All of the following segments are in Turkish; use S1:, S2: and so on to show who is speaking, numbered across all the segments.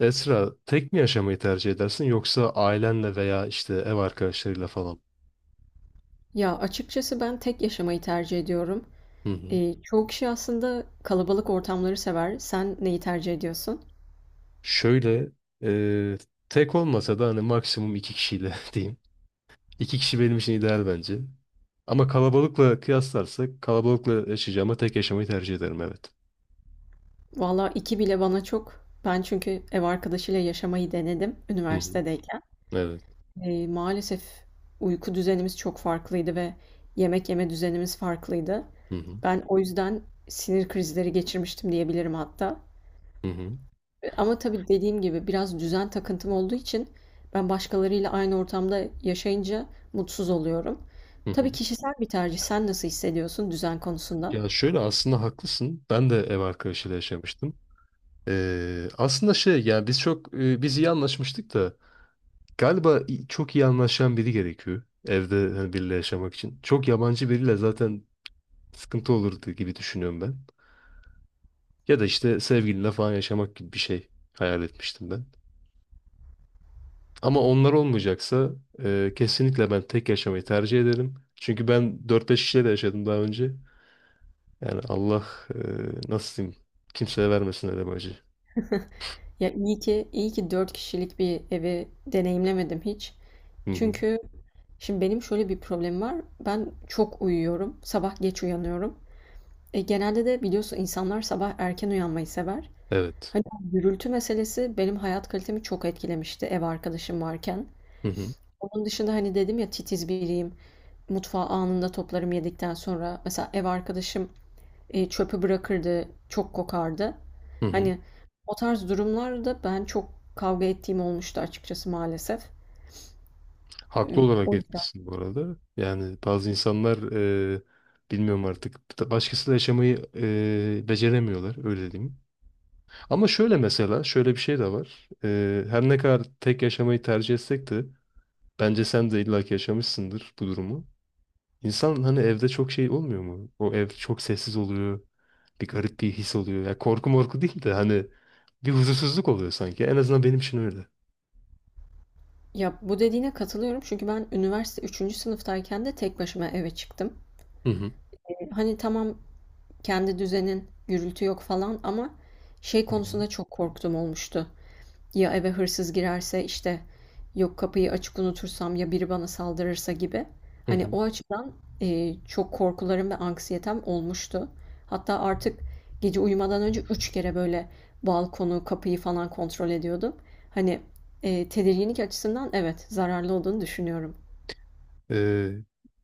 S1: Esra, tek mi yaşamayı tercih edersin yoksa ailenle veya işte ev arkadaşlarıyla falan?
S2: Ya açıkçası ben tek yaşamayı tercih ediyorum.
S1: Hı hı.
S2: Çoğu kişi aslında kalabalık ortamları sever. Sen neyi tercih ediyorsun?
S1: Şöyle, e, tek olmasa da hani maksimum iki kişiyle diyeyim. İki kişi benim için ideal bence. Ama kalabalıkla kıyaslarsak kalabalıkla yaşayacağıma tek yaşamayı tercih ederim, evet.
S2: Valla iki bile bana çok. Ben çünkü ev arkadaşıyla yaşamayı denedim
S1: Hı hı.
S2: üniversitedeyken.
S1: Evet.
S2: Maalesef uyku düzenimiz çok farklıydı ve yemek yeme düzenimiz farklıydı.
S1: Hı hı.
S2: Ben o yüzden sinir krizleri geçirmiştim diyebilirim hatta.
S1: Hı hı.
S2: Ama tabii dediğim gibi biraz düzen takıntım olduğu için ben başkalarıyla aynı ortamda yaşayınca mutsuz oluyorum.
S1: Hı hı.
S2: Tabii kişisel bir tercih. Sen nasıl hissediyorsun düzen konusunda?
S1: Ya şöyle, aslında haklısın. Ben de ev arkadaşıyla yaşamıştım. Aslında şey, yani biz iyi anlaşmıştık da. Galiba çok iyi anlaşan biri gerekiyor evde, hani biriyle yaşamak için. Çok yabancı biriyle zaten sıkıntı olurdu gibi düşünüyorum ben. Ya da işte sevgilinle falan yaşamak gibi bir şey hayal etmiştim ben. Ama onlar olmayacaksa kesinlikle ben tek yaşamayı tercih ederim. Çünkü ben dört beş kişiyle de yaşadım daha önce. Yani Allah e, nasıl diyeyim, kimseye vermesin öyle bir acı.
S2: Ya iyi ki 4 kişilik bir evi deneyimlemedim hiç.
S1: Hı hı.
S2: Çünkü şimdi benim şöyle bir problemim var. Ben çok uyuyorum. Sabah geç uyanıyorum. Genelde de biliyorsun insanlar sabah erken uyanmayı sever.
S1: Evet.
S2: Hani bu gürültü meselesi benim hayat kalitemi çok etkilemişti ev arkadaşım varken.
S1: Hı hı.
S2: Onun dışında hani dedim ya titiz biriyim. Mutfağı anında toplarım yedikten sonra. Mesela ev arkadaşım çöpü bırakırdı, çok kokardı.
S1: Hı hı.
S2: Hani o tarz durumlarda ben çok kavga ettiğim olmuştu açıkçası maalesef.
S1: Haklı
S2: E,
S1: olarak
S2: O yüzden.
S1: etmişsin bu arada. Yani bazı insanlar e, bilmiyorum, artık başkasıyla yaşamayı beceremiyorlar, öyle diyeyim. Ama şöyle, mesela şöyle bir şey de var. Her ne kadar tek yaşamayı tercih etsek de bence sen de illaki yaşamışsındır bu durumu. İnsan, hani evde çok şey olmuyor mu? O ev çok sessiz oluyor. Bir garip bir his oluyor. Ya korku morku değil de hani bir huzursuzluk oluyor sanki. En azından benim için öyle.
S2: Ya bu dediğine katılıyorum çünkü ben üniversite üçüncü sınıftayken de tek başıma eve çıktım.
S1: Hı hı.
S2: Hani tamam kendi düzenin, gürültü yok falan ama şey
S1: Hı hı.
S2: konusunda çok korktum olmuştu. Ya eve hırsız girerse işte yok kapıyı açık unutursam ya biri bana saldırırsa gibi.
S1: Hı
S2: Hani
S1: hı.
S2: o açıdan çok korkularım ve anksiyetem olmuştu. Hatta artık gece uyumadan önce üç kere böyle balkonu, kapıyı falan kontrol ediyordum. Hani tedirginlik açısından evet zararlı olduğunu düşünüyorum.
S1: Ee,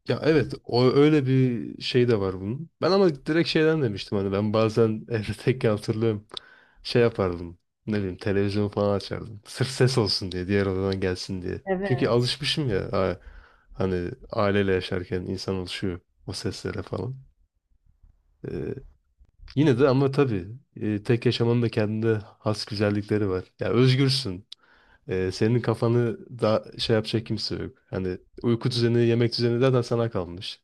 S1: ya evet, o öyle bir şey de var bunun. Ben ama direkt şeyden demiştim, hani ben bazen evde tekken hatırlıyorum, şey yapardım. Ne bileyim, televizyon falan açardım. Sırf ses olsun diye, diğer odadan gelsin diye. Çünkü
S2: Evet.
S1: alışmışım ya, hani aileyle yaşarken insan alışıyor o seslere falan. Ee, yine de, ama tabii tek yaşamanın da kendine has güzellikleri var. Ya özgürsün. Senin kafanı da şey yapacak kimse yok. Hani uyku düzeni, yemek düzeni zaten sana kalmış.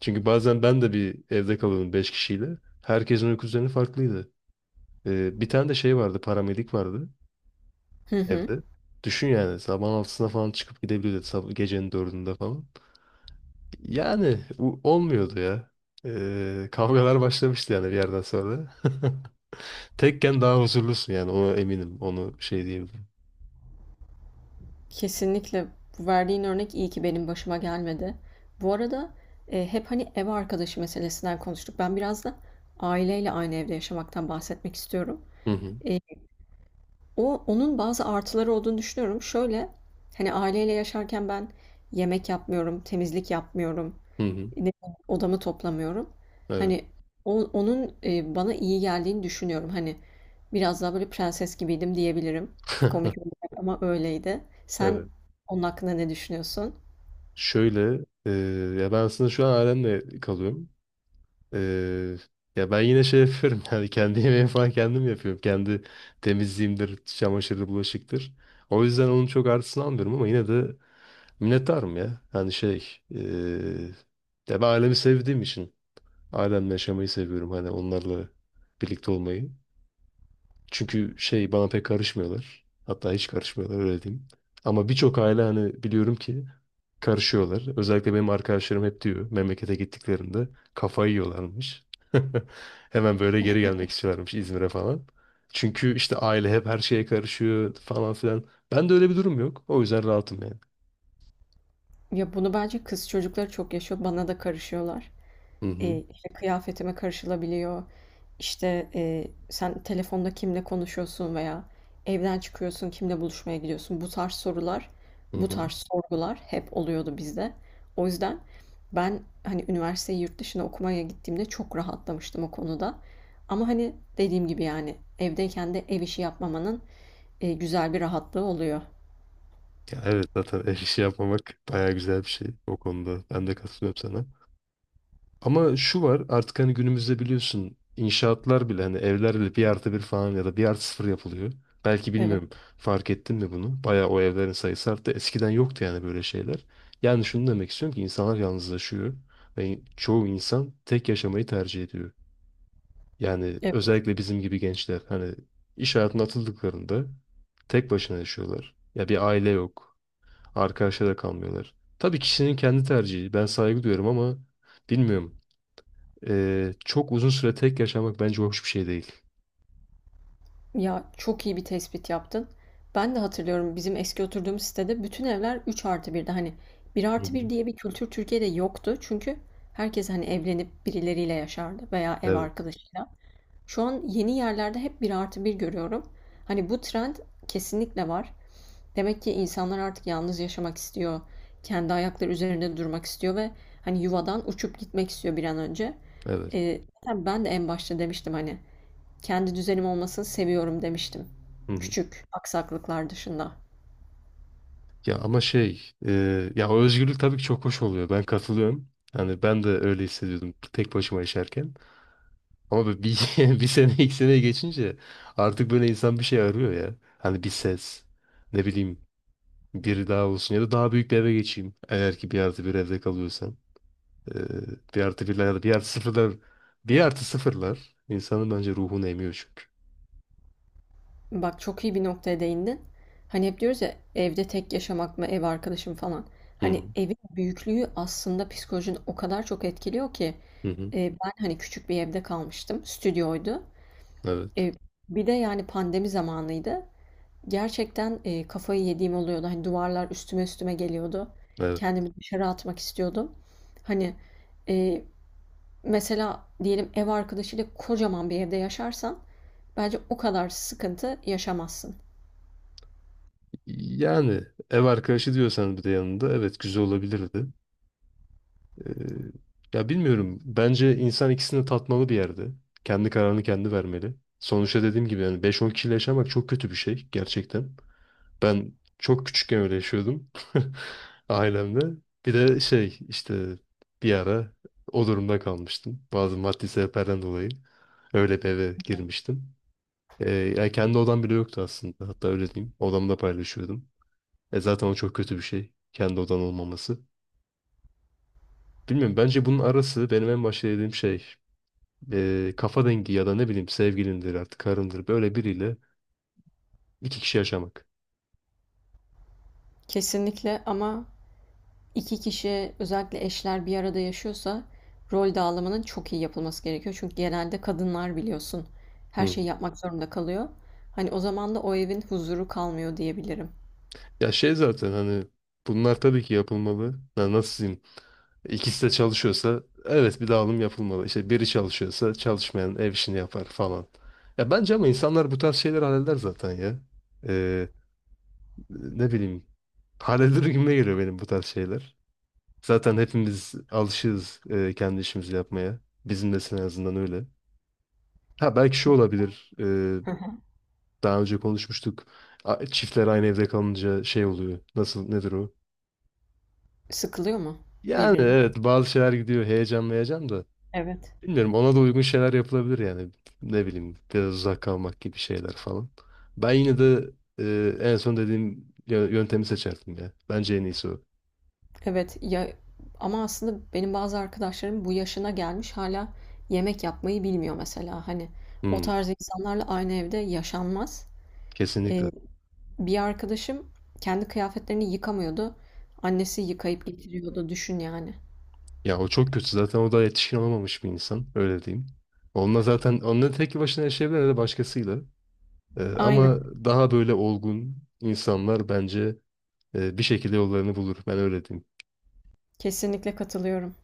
S1: Çünkü bazen ben de bir evde kalıyordum 5 kişiyle. Herkesin uyku düzeni farklıydı. Bir tane de şey vardı, paramedik vardı
S2: Hı hı.
S1: evde. Düşün yani, sabahın altısına falan çıkıp gidebiliyordu, gecenin dördünde falan. Yani olmuyordu ya. Kavgalar başlamıştı yani bir yerden sonra. Tekken daha huzurlusun yani, ona eminim. Onu şey diyebilirim.
S2: Kesinlikle bu verdiğin örnek iyi ki benim başıma gelmedi. Bu arada hep hani ev arkadaşı meselesinden konuştuk. Ben biraz da aileyle aynı evde yaşamaktan bahsetmek istiyorum.
S1: Hı hı.
S2: E, o onun bazı artıları olduğunu düşünüyorum. Şöyle hani aileyle yaşarken ben yemek yapmıyorum, temizlik yapmıyorum,
S1: Hı hı.
S2: ne bileyim, odamı toplamıyorum.
S1: Evet.
S2: Hani onun bana iyi geldiğini düşünüyorum. Hani biraz daha böyle prenses gibiydim diyebilirim. Komik olacak ama öyleydi. Sen
S1: Evet.
S2: onun hakkında ne düşünüyorsun?
S1: Şöyle ya ben aslında şu an ailemle kalıyorum. Ee, ya ben yine şey yapıyorum yani, kendi yemeğimi falan kendim yapıyorum. Kendi temizliğimdir, çamaşırdır, bulaşıktır. O yüzden onun çok artısını almıyorum, ama yine de minnettarım ya. Yani şey, ya ben ailemi sevdiğim için ailemle yaşamayı seviyorum. Hani onlarla birlikte olmayı. Çünkü şey, bana pek karışmıyorlar. Hatta hiç karışmıyorlar, öyle diyeyim. Ama birçok aile hani, biliyorum ki karışıyorlar. Özellikle benim arkadaşlarım hep diyor, memlekete gittiklerinde kafayı yiyorlarmış. Hemen böyle geri gelmek istiyorlarmış İzmir'e falan. Çünkü işte aile hep her şeye karışıyor falan filan. Ben de öyle bir durum yok. O yüzden rahatım yani.
S2: Ya bunu bence kız çocukları çok yaşıyor. Bana da karışıyorlar.
S1: Hı hı.
S2: İşte kıyafetime karışılabiliyor. İşte, sen telefonda kimle konuşuyorsun veya evden çıkıyorsun, kimle buluşmaya gidiyorsun? Bu tarz sorular,
S1: Hı
S2: bu
S1: hı.
S2: tarz sorgular hep oluyordu bizde. O yüzden ben, hani, üniversiteyi yurt dışına okumaya gittiğimde çok rahatlamıştım o konuda. Ama, hani, dediğim gibi, yani, evdeyken de ev işi yapmamanın, güzel bir rahatlığı oluyor.
S1: Ya evet, zaten ev işi yapmamak bayağı güzel bir şey o konuda. Ben de katılıyorum sana. Ama şu var artık, hani günümüzde biliyorsun, inşaatlar bile hani evlerle 1+1 falan ya da 1+0 yapılıyor. Belki
S2: Evet.
S1: bilmiyorum, fark ettin mi bunu? Bayağı o evlerin sayısı arttı. Eskiden yoktu yani böyle şeyler. Yani şunu demek istiyorum ki insanlar yalnızlaşıyor ve çoğu insan tek yaşamayı tercih ediyor. Yani özellikle bizim gibi gençler hani, iş hayatına atıldıklarında tek başına yaşıyorlar. Ya bir aile yok. Arkadaşlara da kalmıyorlar. Tabii kişinin kendi tercihi. Ben saygı duyuyorum ama bilmiyorum. Çok uzun süre tek yaşamak bence hoş bir şey değil.
S2: Ya çok iyi bir tespit yaptın. Ben de hatırlıyorum bizim eski oturduğumuz sitede bütün evler 3 artı 1'di. Hani bir
S1: Hı
S2: artı
S1: hı.
S2: bir diye bir kültür Türkiye'de yoktu. Çünkü herkes hani evlenip birileriyle yaşardı veya ev
S1: Evet,
S2: arkadaşıyla. Şu an yeni yerlerde hep bir artı bir görüyorum. Hani bu trend kesinlikle var. Demek ki insanlar artık yalnız yaşamak istiyor. Kendi ayakları üzerinde durmak istiyor ve hani yuvadan uçup gitmek istiyor bir an önce.
S1: evet.
S2: Zaten ben de en başta demiştim hani kendi düzenim olmasını seviyorum demiştim.
S1: Hı hı.
S2: Küçük aksaklıklar dışında.
S1: Ya ama şey, ya o özgürlük tabii ki çok hoş oluyor. Ben katılıyorum. Yani ben de öyle hissediyordum tek başıma yaşarken. Ama böyle bir, bir sene iki sene geçince artık böyle insan bir şey arıyor ya. Hani bir ses, ne bileyim, biri daha olsun ya da daha büyük bir eve geçeyim. Eğer ki 1+1 evde kalıyorsam. Ee, bir artı birler ya da bir artı sıfırlar. Bir artı sıfırlar insanın bence ruhunu emiyor çünkü.
S2: Bak çok iyi bir noktaya değindin. Hani hep diyoruz ya evde tek yaşamak mı, ev arkadaşım falan.
S1: Hı hı.
S2: Hani evin büyüklüğü aslında psikolojini o kadar çok etkiliyor ki.
S1: Hı hı.
S2: Ben hani küçük bir evde kalmıştım. Stüdyoydu. E,
S1: Evet.
S2: Bir de yani pandemi zamanıydı. Gerçekten kafayı yediğim oluyordu. Hani duvarlar üstüme üstüme geliyordu.
S1: Evet.
S2: Kendimi dışarı atmak istiyordum. Hani e, Mesela diyelim ev arkadaşıyla kocaman bir evde yaşarsan bence o kadar sıkıntı yaşamazsın.
S1: Yani ev arkadaşı diyorsan bir de yanında, evet, güzel olabilirdi. Ee, ya bilmiyorum. Bence insan ikisini tatmalı bir yerde. Kendi kararını kendi vermeli. Sonuçta dediğim gibi yani, beş on kişiyle yaşamak çok kötü bir şey gerçekten. Ben çok küçükken öyle yaşıyordum ailemle. Bir de şey, işte bir ara o durumda kalmıştım. Bazı maddi sebeplerden dolayı öyle bir eve girmiştim. Yani kendi odam bile yoktu aslında. Hatta öyle diyeyim, odamda paylaşıyordum. E zaten o çok kötü bir şey, kendi odan olmaması. Bilmiyorum, bence bunun arası benim en başta dediğim şey, kafa dengi ya da ne bileyim, sevgilindir artık, karındır, böyle biriyle iki kişi yaşamak.
S2: Kesinlikle ama iki kişi özellikle eşler bir arada yaşıyorsa rol dağılımının çok iyi yapılması gerekiyor. Çünkü genelde kadınlar biliyorsun her
S1: Hı.
S2: şeyi yapmak zorunda kalıyor. Hani o zaman da o evin huzuru kalmıyor diyebilirim.
S1: Ya şey, zaten hani bunlar tabii ki yapılmalı. Ya nasıl diyeyim? İkisi de çalışıyorsa evet bir dağılım yapılmalı. İşte biri çalışıyorsa çalışmayan ev işini yapar falan. Ya bence ama insanlar bu tarz şeyler halleder zaten ya. E, ne bileyim, halleder gibime geliyor benim bu tarz şeyler. Zaten hepimiz alışığız kendi işimizi yapmaya. Bizim de en azından öyle. Ha belki şu olabilir. e,
S2: Hı hı.
S1: daha önce konuşmuştuk. Çiftler aynı evde kalınca şey oluyor. Nasıl, nedir o?
S2: Sıkılıyor mu
S1: Yani
S2: birbirinden?
S1: evet, bazı şeyler gidiyor. Heyecan, heyecan da.
S2: Evet.
S1: Bilmiyorum, ona da uygun şeyler yapılabilir yani. Ne bileyim, biraz uzak kalmak gibi şeyler falan. Ben yine de en son dediğim yöntemi seçerdim ya. Bence en iyisi o.
S2: Evet ya, ama aslında benim bazı arkadaşlarım bu yaşına gelmiş hala yemek yapmayı bilmiyor mesela. Hani o
S1: Hmm,
S2: tarz insanlarla aynı evde yaşanmaz. Eee,
S1: kesinlikle.
S2: Bir arkadaşım kendi kıyafetlerini yıkamıyordu. Annesi yıkayıp getiriyordu. Düşün yani.
S1: Ya o çok kötü. Zaten o da yetişkin olamamış bir insan, öyle diyeyim. Onunla zaten, onunla tek başına yaşayabilir ya da başkasıyla.
S2: Aynen.
S1: Ama daha böyle olgun insanlar bence bir şekilde yollarını bulur. Ben öyle diyeyim.
S2: Kesinlikle katılıyorum.